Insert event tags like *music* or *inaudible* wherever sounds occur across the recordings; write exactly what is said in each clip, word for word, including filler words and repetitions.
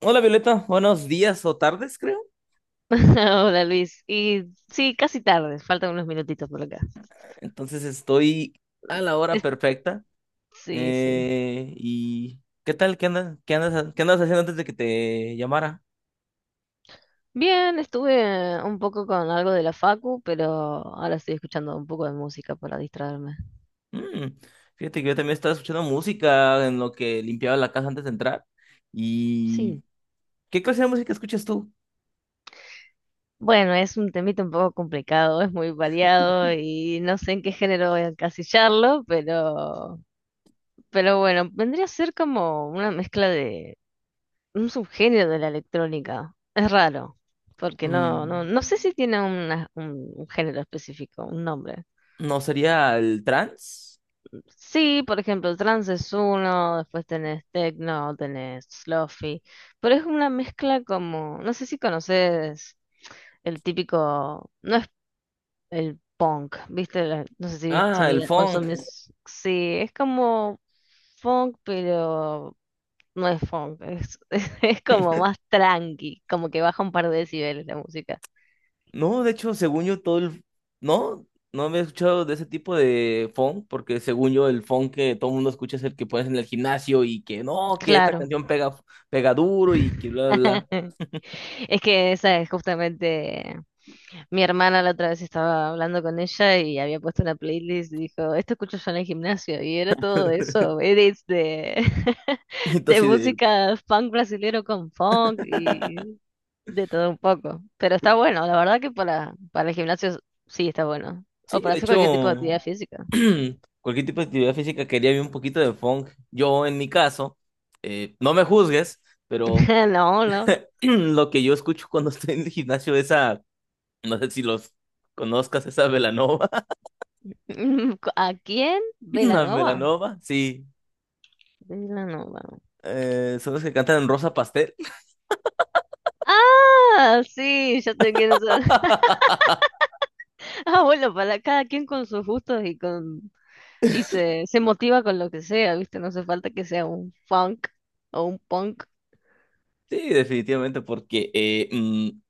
Hola Violeta, buenos días o tardes, creo. *laughs* Hola Luis. Y sí, casi tarde, faltan unos minutitos por acá. Entonces estoy a la hora *laughs* perfecta. Sí, sí. Eh, ¿y qué tal? ¿Qué andas, qué andas, qué andas haciendo antes de que te llamara? Bien, estuve un poco con algo de la facu, pero ahora estoy escuchando un poco de música para distraerme. Mm, Fíjate que yo también estaba escuchando música en lo que limpiaba la casa antes de entrar. ¿Y Sí. qué clase de música escuchas tú? Bueno, es un temita un poco complicado, es muy variado y no sé en qué género voy a encasillarlo, pero, pero bueno, vendría a ser como una mezcla de un subgénero de la electrónica. Es raro, porque no, no, Mm, no sé si tiene una- un un género específico, un nombre. ¿No sería el trance? Sí, por ejemplo, trance es uno, después tenés techno, tenés lofi, pero es una mezcla como, no sé si conoces el típico, no es el punk, ¿viste? La- no sé si viste, Ah, el mira, funk. consumís, sí, es como funk, pero no es funk, es, *laughs* es como más tranqui, como que baja un par de decibeles la música. No, de hecho, según yo, todo el... no, no había escuchado de ese tipo de funk, porque según yo, el funk que todo el mundo escucha es el que pones en el gimnasio y que no, que esta Claro. canción pega, pega duro y que bla, bla, bla. *laughs* Es que esa es justamente mi hermana la otra vez estaba hablando con ella y había puesto una playlist y dijo, esto escucho yo en el gimnasio y era todo *laughs* eso, edits de, Y *laughs* de entonces, de... música funk brasilero con funk y de todo un poco. Pero está bueno, la verdad que para, para el gimnasio sí está bueno. sí, O para de hacer cualquier tipo de hecho, actividad física. *clears throat* cualquier tipo de actividad física quería ver un poquito de funk. Yo, en mi caso, eh, no me juzgues, pero *laughs* No, no. *clears throat* lo que yo escucho cuando *laughs* estoy en el gimnasio es a... No sé si los conozcas, esa Belanova. *clears throat* *laughs* ¿A quién? *laughs* Una Belanova. Belanova, sí. Belanova. Eh, son los que cantan en Rosa Pastel. Ah, sí, ya te quiero saber. *laughs* *laughs* Ah, bueno, para cada quien con sus gustos y con y se, se motiva con lo que sea, ¿viste? No hace falta que sea un funk o un punk. Sí, definitivamente, porque eh, mm,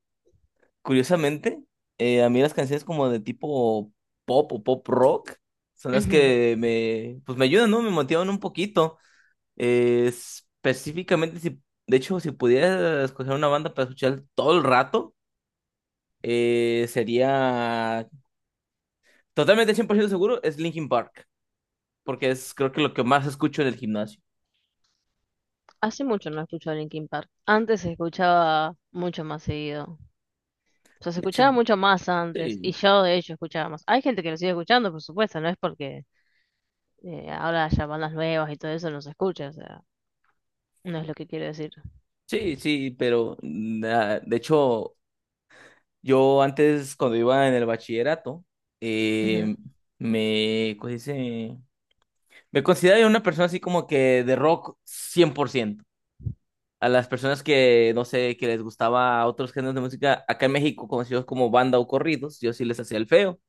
curiosamente, eh, a mí las canciones como de tipo pop o pop rock son las Ujú. que me, pues me ayudan, ¿no? Me motivan un poquito. Eh, específicamente, si, de hecho, si pudiera escoger una banda para escuchar todo el rato, eh, sería totalmente cien por ciento seguro, es Linkin Park, porque es creo que lo que más escucho en el gimnasio. Hace mucho no escucho a Linkin Park. Antes se escuchaba mucho más seguido. O sea, se De hecho, escuchaba mucho más antes y sí. yo de hecho escuchaba más. Hay gente que lo sigue escuchando, por supuesto, no es porque eh, ahora haya bandas nuevas y todo eso no se escucha, o sea, no es lo que quiero decir. Sí, sí, pero na- de hecho, yo antes cuando iba en el bachillerato, eh, Ujú. me, ¿cómo se dice? Me consideraba una persona así como que de rock cien por ciento. A las personas que, no sé, que les gustaba otros géneros de música, acá en México conocidos como banda o corridos, yo sí les hacía el feo,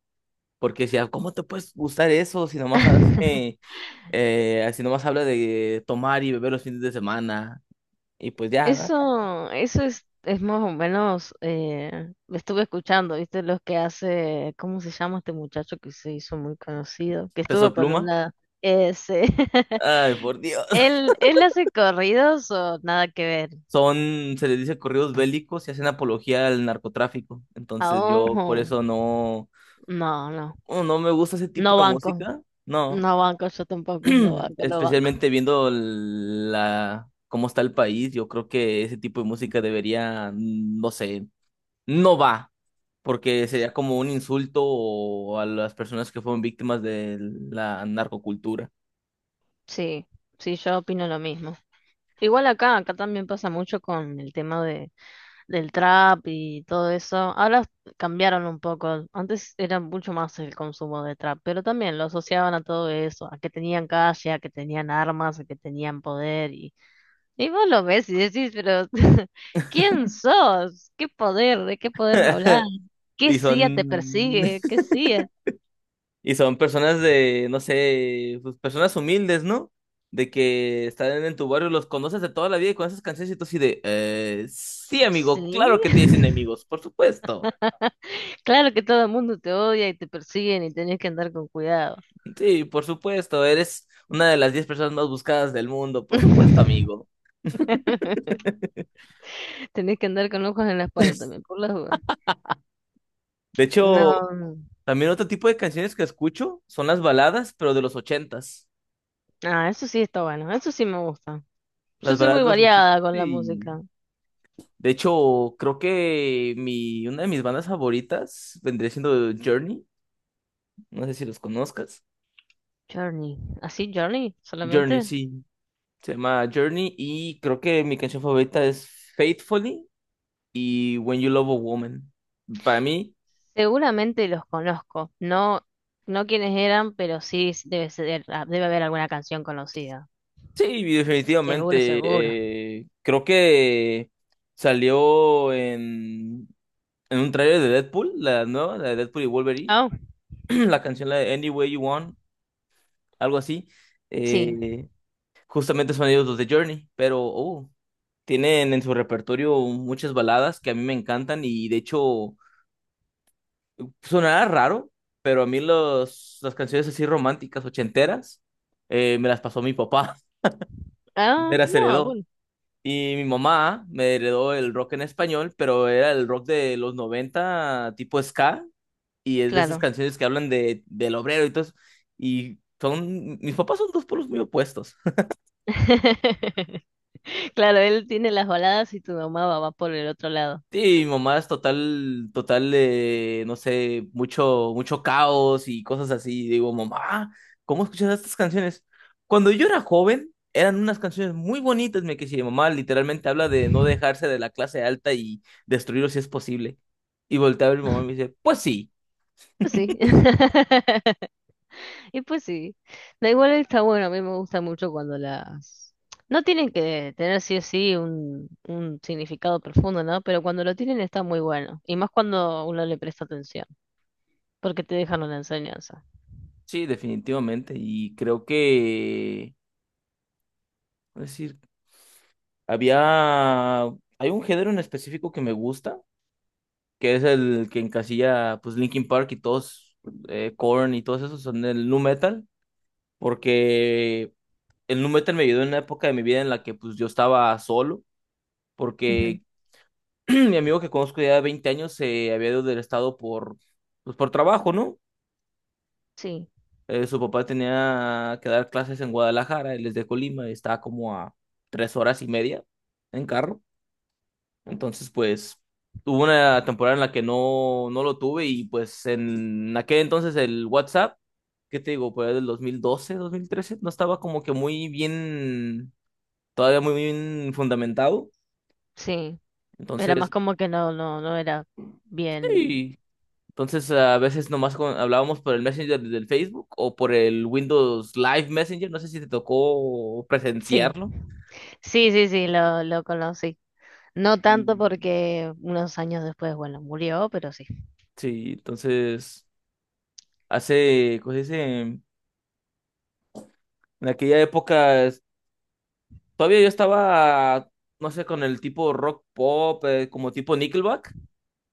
porque decía, ¿cómo te puedes gustar eso si nomás, *laughs* hace- eh, si nomás habla de tomar y beber los fines de semana? Y pues ya, ¿no? Eso, eso es, es más o menos, eh, estuve escuchando, ¿viste? Los que hace, ¿cómo se llama este muchacho que se hizo muy conocido? Que Peso estuvo con pluma. una... Ese. *laughs* Ay, por Dios. ¿Él, él hace corridos o nada que ver? son, se les dice corridos bélicos y hacen apología al narcotráfico. A Entonces yo por ojo. eso no, No, no. oh, no me gusta ese tipo No de banco. música, no. No banco, yo tampoco. No *clears throat* banco, no banco. Especialmente viendo la, cómo está el país, yo creo que ese tipo de música debería, no sé, no va, porque sería como un insulto o a las personas que fueron víctimas de la narcocultura. Sí, sí, yo opino lo mismo. Igual acá, acá también pasa mucho con el tema de del trap y todo eso. Ahora cambiaron un poco. Antes era mucho más el consumo de trap, pero también lo asociaban a todo eso, a que tenían calle, a que tenían armas, a que tenían poder. Y, y vos lo ves y decís, pero *laughs* ¿quién sos? ¿Qué poder? ¿De qué poder me hablas? *laughs* ¿Qué Y son C I A te persigue? *laughs* ¿Qué C I A? Y son personas de, no sé, pues personas humildes, ¿no? De que están en tu barrio, los conoces de toda la vida y con esas canciones y tú así de, eh, sí, amigo, claro Sí. que tienes *laughs* enemigos, por supuesto. Claro que todo el mundo te odia y te persiguen y tenés que andar con cuidado. Sí, por supuesto, eres una de las diez personas más buscadas del mundo, por supuesto, *laughs* amigo. *laughs* Tenés que andar con ojos en la espalda también, por las dudas. De hecho, No, también otro tipo de canciones que escucho son las baladas, pero de los ochentas. ah, eso sí está bueno, eso sí me gusta. Yo Las soy baladas muy de los ochentas. variada con la Sí. música. De hecho, creo que mi, una de mis bandas favoritas vendría siendo Journey. No sé si los conozcas. Journey, ¿así Journey Journey, solamente? sí. Se llama Journey y creo que mi canción favorita es Faithfully y When You Love a Woman. Para mí, Seguramente los conozco, no, no quiénes eran, pero sí debe ser, ah, debe haber alguna canción conocida. sí, Seguro, definitivamente. seguro. eh, creo que salió en, en un trailer de Deadpool, la nueva, la de Deadpool y Wolverine. Ah, *clears throat* La canción, la de Any Way You Want, algo así. sí. Eh, justamente son ellos los de Journey, pero uh, tienen en su repertorio muchas baladas que a mí me encantan y de hecho... Sonará raro, pero a mí los, las canciones así románticas, ochenteras, eh, me las pasó mi papá. *laughs* Ah, Me las no, heredó. bueno, Y mi mamá me heredó el rock en español, pero era el rock de los noventa tipo ska, y es de esas claro. canciones que hablan de, del obrero y todo eso. Y son, mis papás son dos polos muy opuestos. *laughs* Claro, él tiene las baladas y tu mamá va va por el otro lado. Sí, mi mamá es total, total, eh, no sé, mucho, mucho caos y cosas así. Y digo, mamá, ¿cómo escuchas estas canciones? Cuando yo era joven, eran unas canciones muy bonitas, me quise. Mi mamá literalmente habla de no dejarse de la clase alta y destruirlo si es posible. Y volteaba a ver mi mamá y me dice, pues sí, Pues sí. *laughs* Y pues sí, da igual está bueno, a mí me gusta mucho cuando las... No tienen que tener sí o sí un, un significado profundo, ¿no? Pero cuando lo tienen está muy bueno. Y más cuando uno le presta atención, porque te dejan una enseñanza. sí, definitivamente. Y creo que, es decir, había, hay un género en específico que me gusta, que es el que encasilla pues Linkin Park y todos, eh, Korn y todos esos son del nu metal, porque el nu metal me ayudó en una época de mi vida en la que pues yo estaba solo, Ujú. porque *clears throat* mi amigo que conozco ya de veinte años se había ido del estado por, pues, por trabajo, ¿no? Sí, Eh, su papá tenía que dar clases en Guadalajara, él es de Colima, y estaba como a tres horas y media en carro. Entonces, pues, hubo una temporada en la que no, no lo tuve, y pues en aquel entonces el WhatsApp, ¿qué te digo? Por ahí del dos mil doce, dos mil trece, no estaba como que muy bien, todavía muy bien fundamentado. sí. Era más Entonces, como que no, no, no era bien. sí. Entonces, a veces nomás con- hablábamos por el Messenger del Facebook o por el Windows Live Messenger, no sé si te tocó Sí, presenciarlo. sí, sí, sí, lo, lo conocí. No Y tanto porque unos años después, bueno, murió, pero sí. sí, entonces, hace, ¿cómo se dice? En aquella época todavía yo estaba, no sé, con el tipo rock pop, eh, como tipo Nickelback.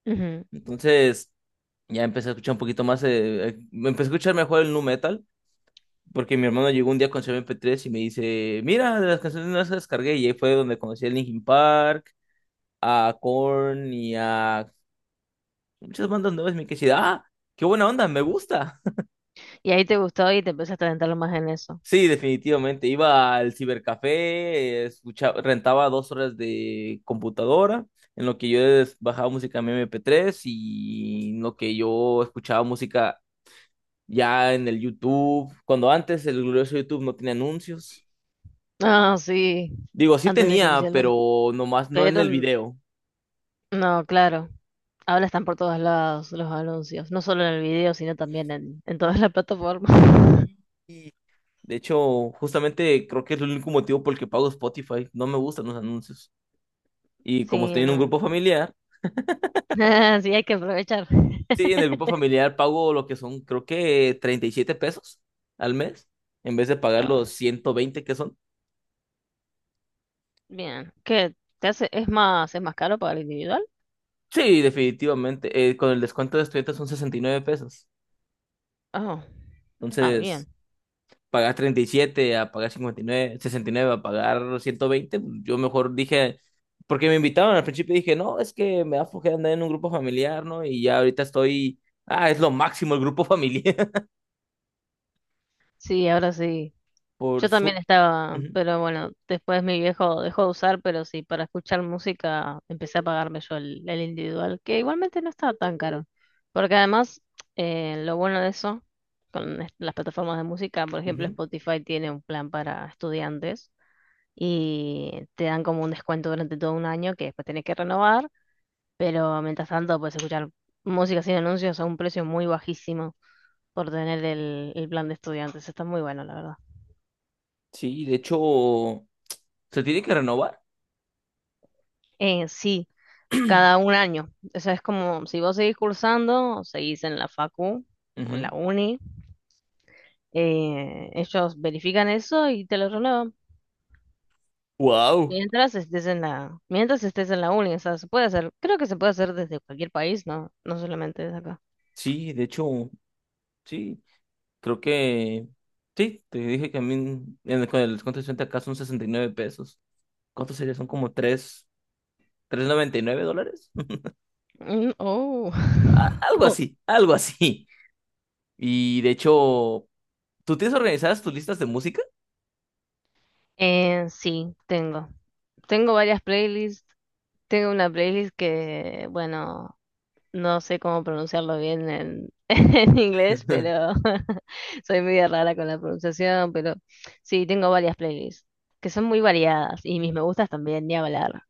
Ujú. Entonces ya empecé a escuchar un poquito más, eh, eh, me empecé a escuchar mejor el nu metal, porque mi hermano llegó un día con su M P tres y me dice, mira, de las canciones no las descargué. Y ahí fue donde conocí a Linkin Park, a Korn y a muchas bandas nuevas. Y me quedé así de, ah, qué buena onda, me gusta. Y ahí te gustó y te empezaste a adentrarlo más en eso. Sí, definitivamente. Iba al cibercafé, escuchaba, rentaba dos horas de computadora, en lo que yo des- bajaba música en mi M P tres y en lo que yo escuchaba música ya en el YouTube. Cuando antes el glorioso YouTube no tenía anuncios. Ah, sí, Digo, sí antes de que tenía, pusieran los... pero nomás no en Pero el n- video. no, claro, ahora están por todos lados los anuncios, no solo en el video, sino también en, en todas las plataformas. *laughs* De hecho, justamente creo que es el único motivo por el que pago Spotify. No me gustan los anuncios. Y como Sí, estoy en un no. grupo familiar, *laughs* Sí, hay que aprovechar. sí, en el grupo familiar pago lo que son, creo que treinta y siete pesos al mes, en vez de pagar los Ah, ciento veinte que son. bien. ¿Qué te hace? ¿Es más, es más caro para el individual? Sí, definitivamente. Eh, con el descuento de estudiantes son sesenta y nueve pesos. Oh, ah, bien. Entonces, pagar treinta y siete a pagar cincuenta y nueve, sesenta y nueve, a pagar ciento veinte, yo mejor dije, porque me invitaban al principio y dije, no, es que me da flojera andar en un grupo familiar, ¿no? Y ya ahorita estoy, ah, es lo máximo el grupo familiar. Sí, ahora sí. *laughs* Yo Por también su... estaba, Ujú, pero bueno, después mi viejo dejó de usar, pero sí, para escuchar música empecé a pagarme yo el, el individual, que igualmente no estaba tan caro. Porque además, eh, lo bueno de eso, con est- las plataformas de música, por ejemplo, ujú. Spotify tiene un plan para estudiantes y te dan como un descuento durante todo un año que después tenés que renovar, pero mientras tanto puedes escuchar música sin anuncios a un precio muy bajísimo por tener el, el plan de estudiantes. Está muy bueno, la verdad. Sí, de hecho, se tiene que renovar. Eh, sí. Cada *clears throat* un año. O sea, es como si vos seguís cursando, o seguís en la facu o en la uni, eh, ellos verifican eso y te lo renuevan. Wow. Mientras estés en la, mientras estés en la uni, o sea, se puede hacer, creo que se puede hacer desde cualquier país, no, no solamente desde acá. Sí, de hecho, sí, creo que sí, te dije que a mí en el, con el descuento de sesenta acá son sesenta y nueve pesos. ¿Cuánto sería? Son como tres tres noventa y nueve dólares. *laughs* Mm, oh. Algo *laughs* así, algo así. Y de hecho, ¿tú tienes organizadas tus listas de música? Eh, sí, tengo. Tengo varias playlists. Tengo una playlist que, bueno, no sé cómo pronunciarlo bien en, *laughs* en inglés, pero *laughs* *laughs* soy media rara con la pronunciación, pero sí, tengo varias playlists que son muy variadas y mis me gustas también, ni hablar.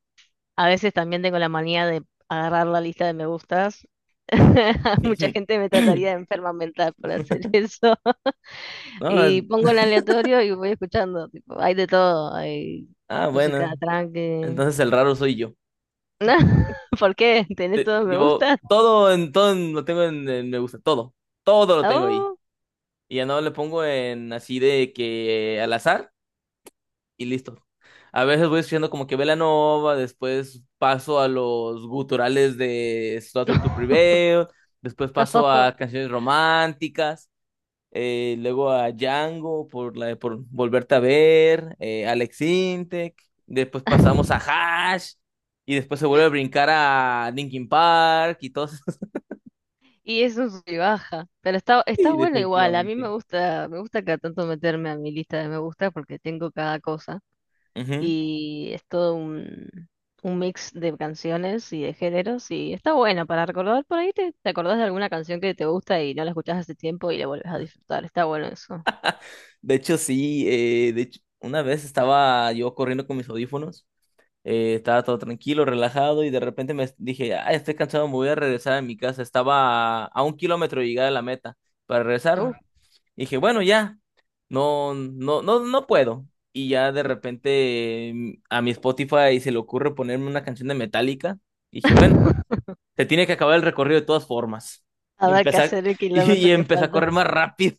A veces también tengo la manía de agarrar la lista de me gustas. *laughs* Mucha gente me trataría de enferma mental por hacer eso. *laughs* No, Y pongo el aleatorio y voy escuchando. Tipo, hay de todo, hay ah, bueno. música tranqui. Entonces el raro soy yo. *laughs* ¿Por qué? ¿Tenés Te- todos me Yo gustas? todo en todo en- lo tengo en, en me gusta, todo. Todo lo tengo ahí. Oh. Y ya no le pongo en así de que al azar y listo. A veces voy escuchando como que Belanova, después paso a los guturales de Slaughter to *laughs* Prevail, después paso a *laughs* canciones románticas, eh, luego a Django por la de por Volverte a Ver, eh, Alex Intec, después pasamos a *laughs* Hash, y después se vuelve a brincar a Linkin Park y todo eso. *laughs* Y es un sub y baja, pero está, está Sí, bueno igual, a mí me definitivamente. gusta, me gusta cada tanto meterme a mi lista de me gusta porque tengo cada cosa Ujú. y es todo un, un mix de canciones y de géneros y está bueno para recordar por ahí te, te acordás de alguna canción que te gusta y no la escuchás hace tiempo y la vuelves a disfrutar, está bueno eso. De hecho, sí, eh, de hecho, una vez estaba yo corriendo con mis audífonos, eh, estaba todo tranquilo, relajado, y de repente me dije, ah, estoy cansado, me voy a regresar a mi casa. Estaba a, a un kilómetro de llegar a la meta para Uh. regresarme. Y dije, bueno, ya, no, no, no, no puedo. Y ya de repente eh, a mi Spotify se le ocurre ponerme una canción de Metallica. Y dije, bueno, *laughs* se tiene que acabar el recorrido de todas formas. A Y ver qué empecé a- hacer el *laughs* kilómetro y que empecé a falta. correr más rápido.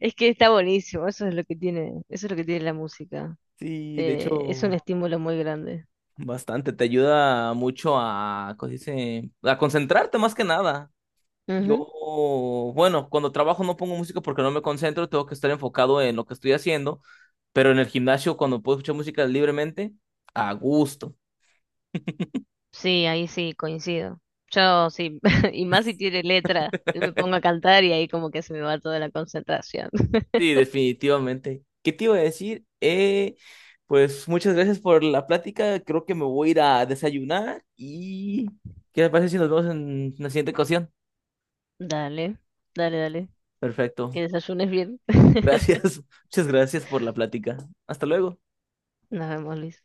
Es que está buenísimo, eso es lo que tiene, eso es lo que tiene la música. Sí, de Te- es un hecho. estímulo muy grande. Bastante, te ayuda mucho a, ¿cómo se dice? A concentrarte más que nada. Yo, bueno, cuando trabajo no pongo música porque no me concentro, tengo que estar enfocado en lo que estoy haciendo, pero en el gimnasio cuando puedo escuchar música libremente, a gusto. Sí, ahí sí, coincido. Yo sí, *laughs* y más si tiene letra, yo me pongo a *laughs* cantar y ahí como que se me va toda la concentración. *laughs* Sí, definitivamente. ¿Qué te iba a decir? Eh, pues muchas gracias por la plática, creo que me voy a ir a desayunar y ¿qué te parece si nos vemos en la siguiente ocasión? Dale, dale, dale. Que Perfecto. desayunes bien. *laughs* Gracias, *laughs* muchas gracias por la plática. Hasta luego. Nos vemos, Luis.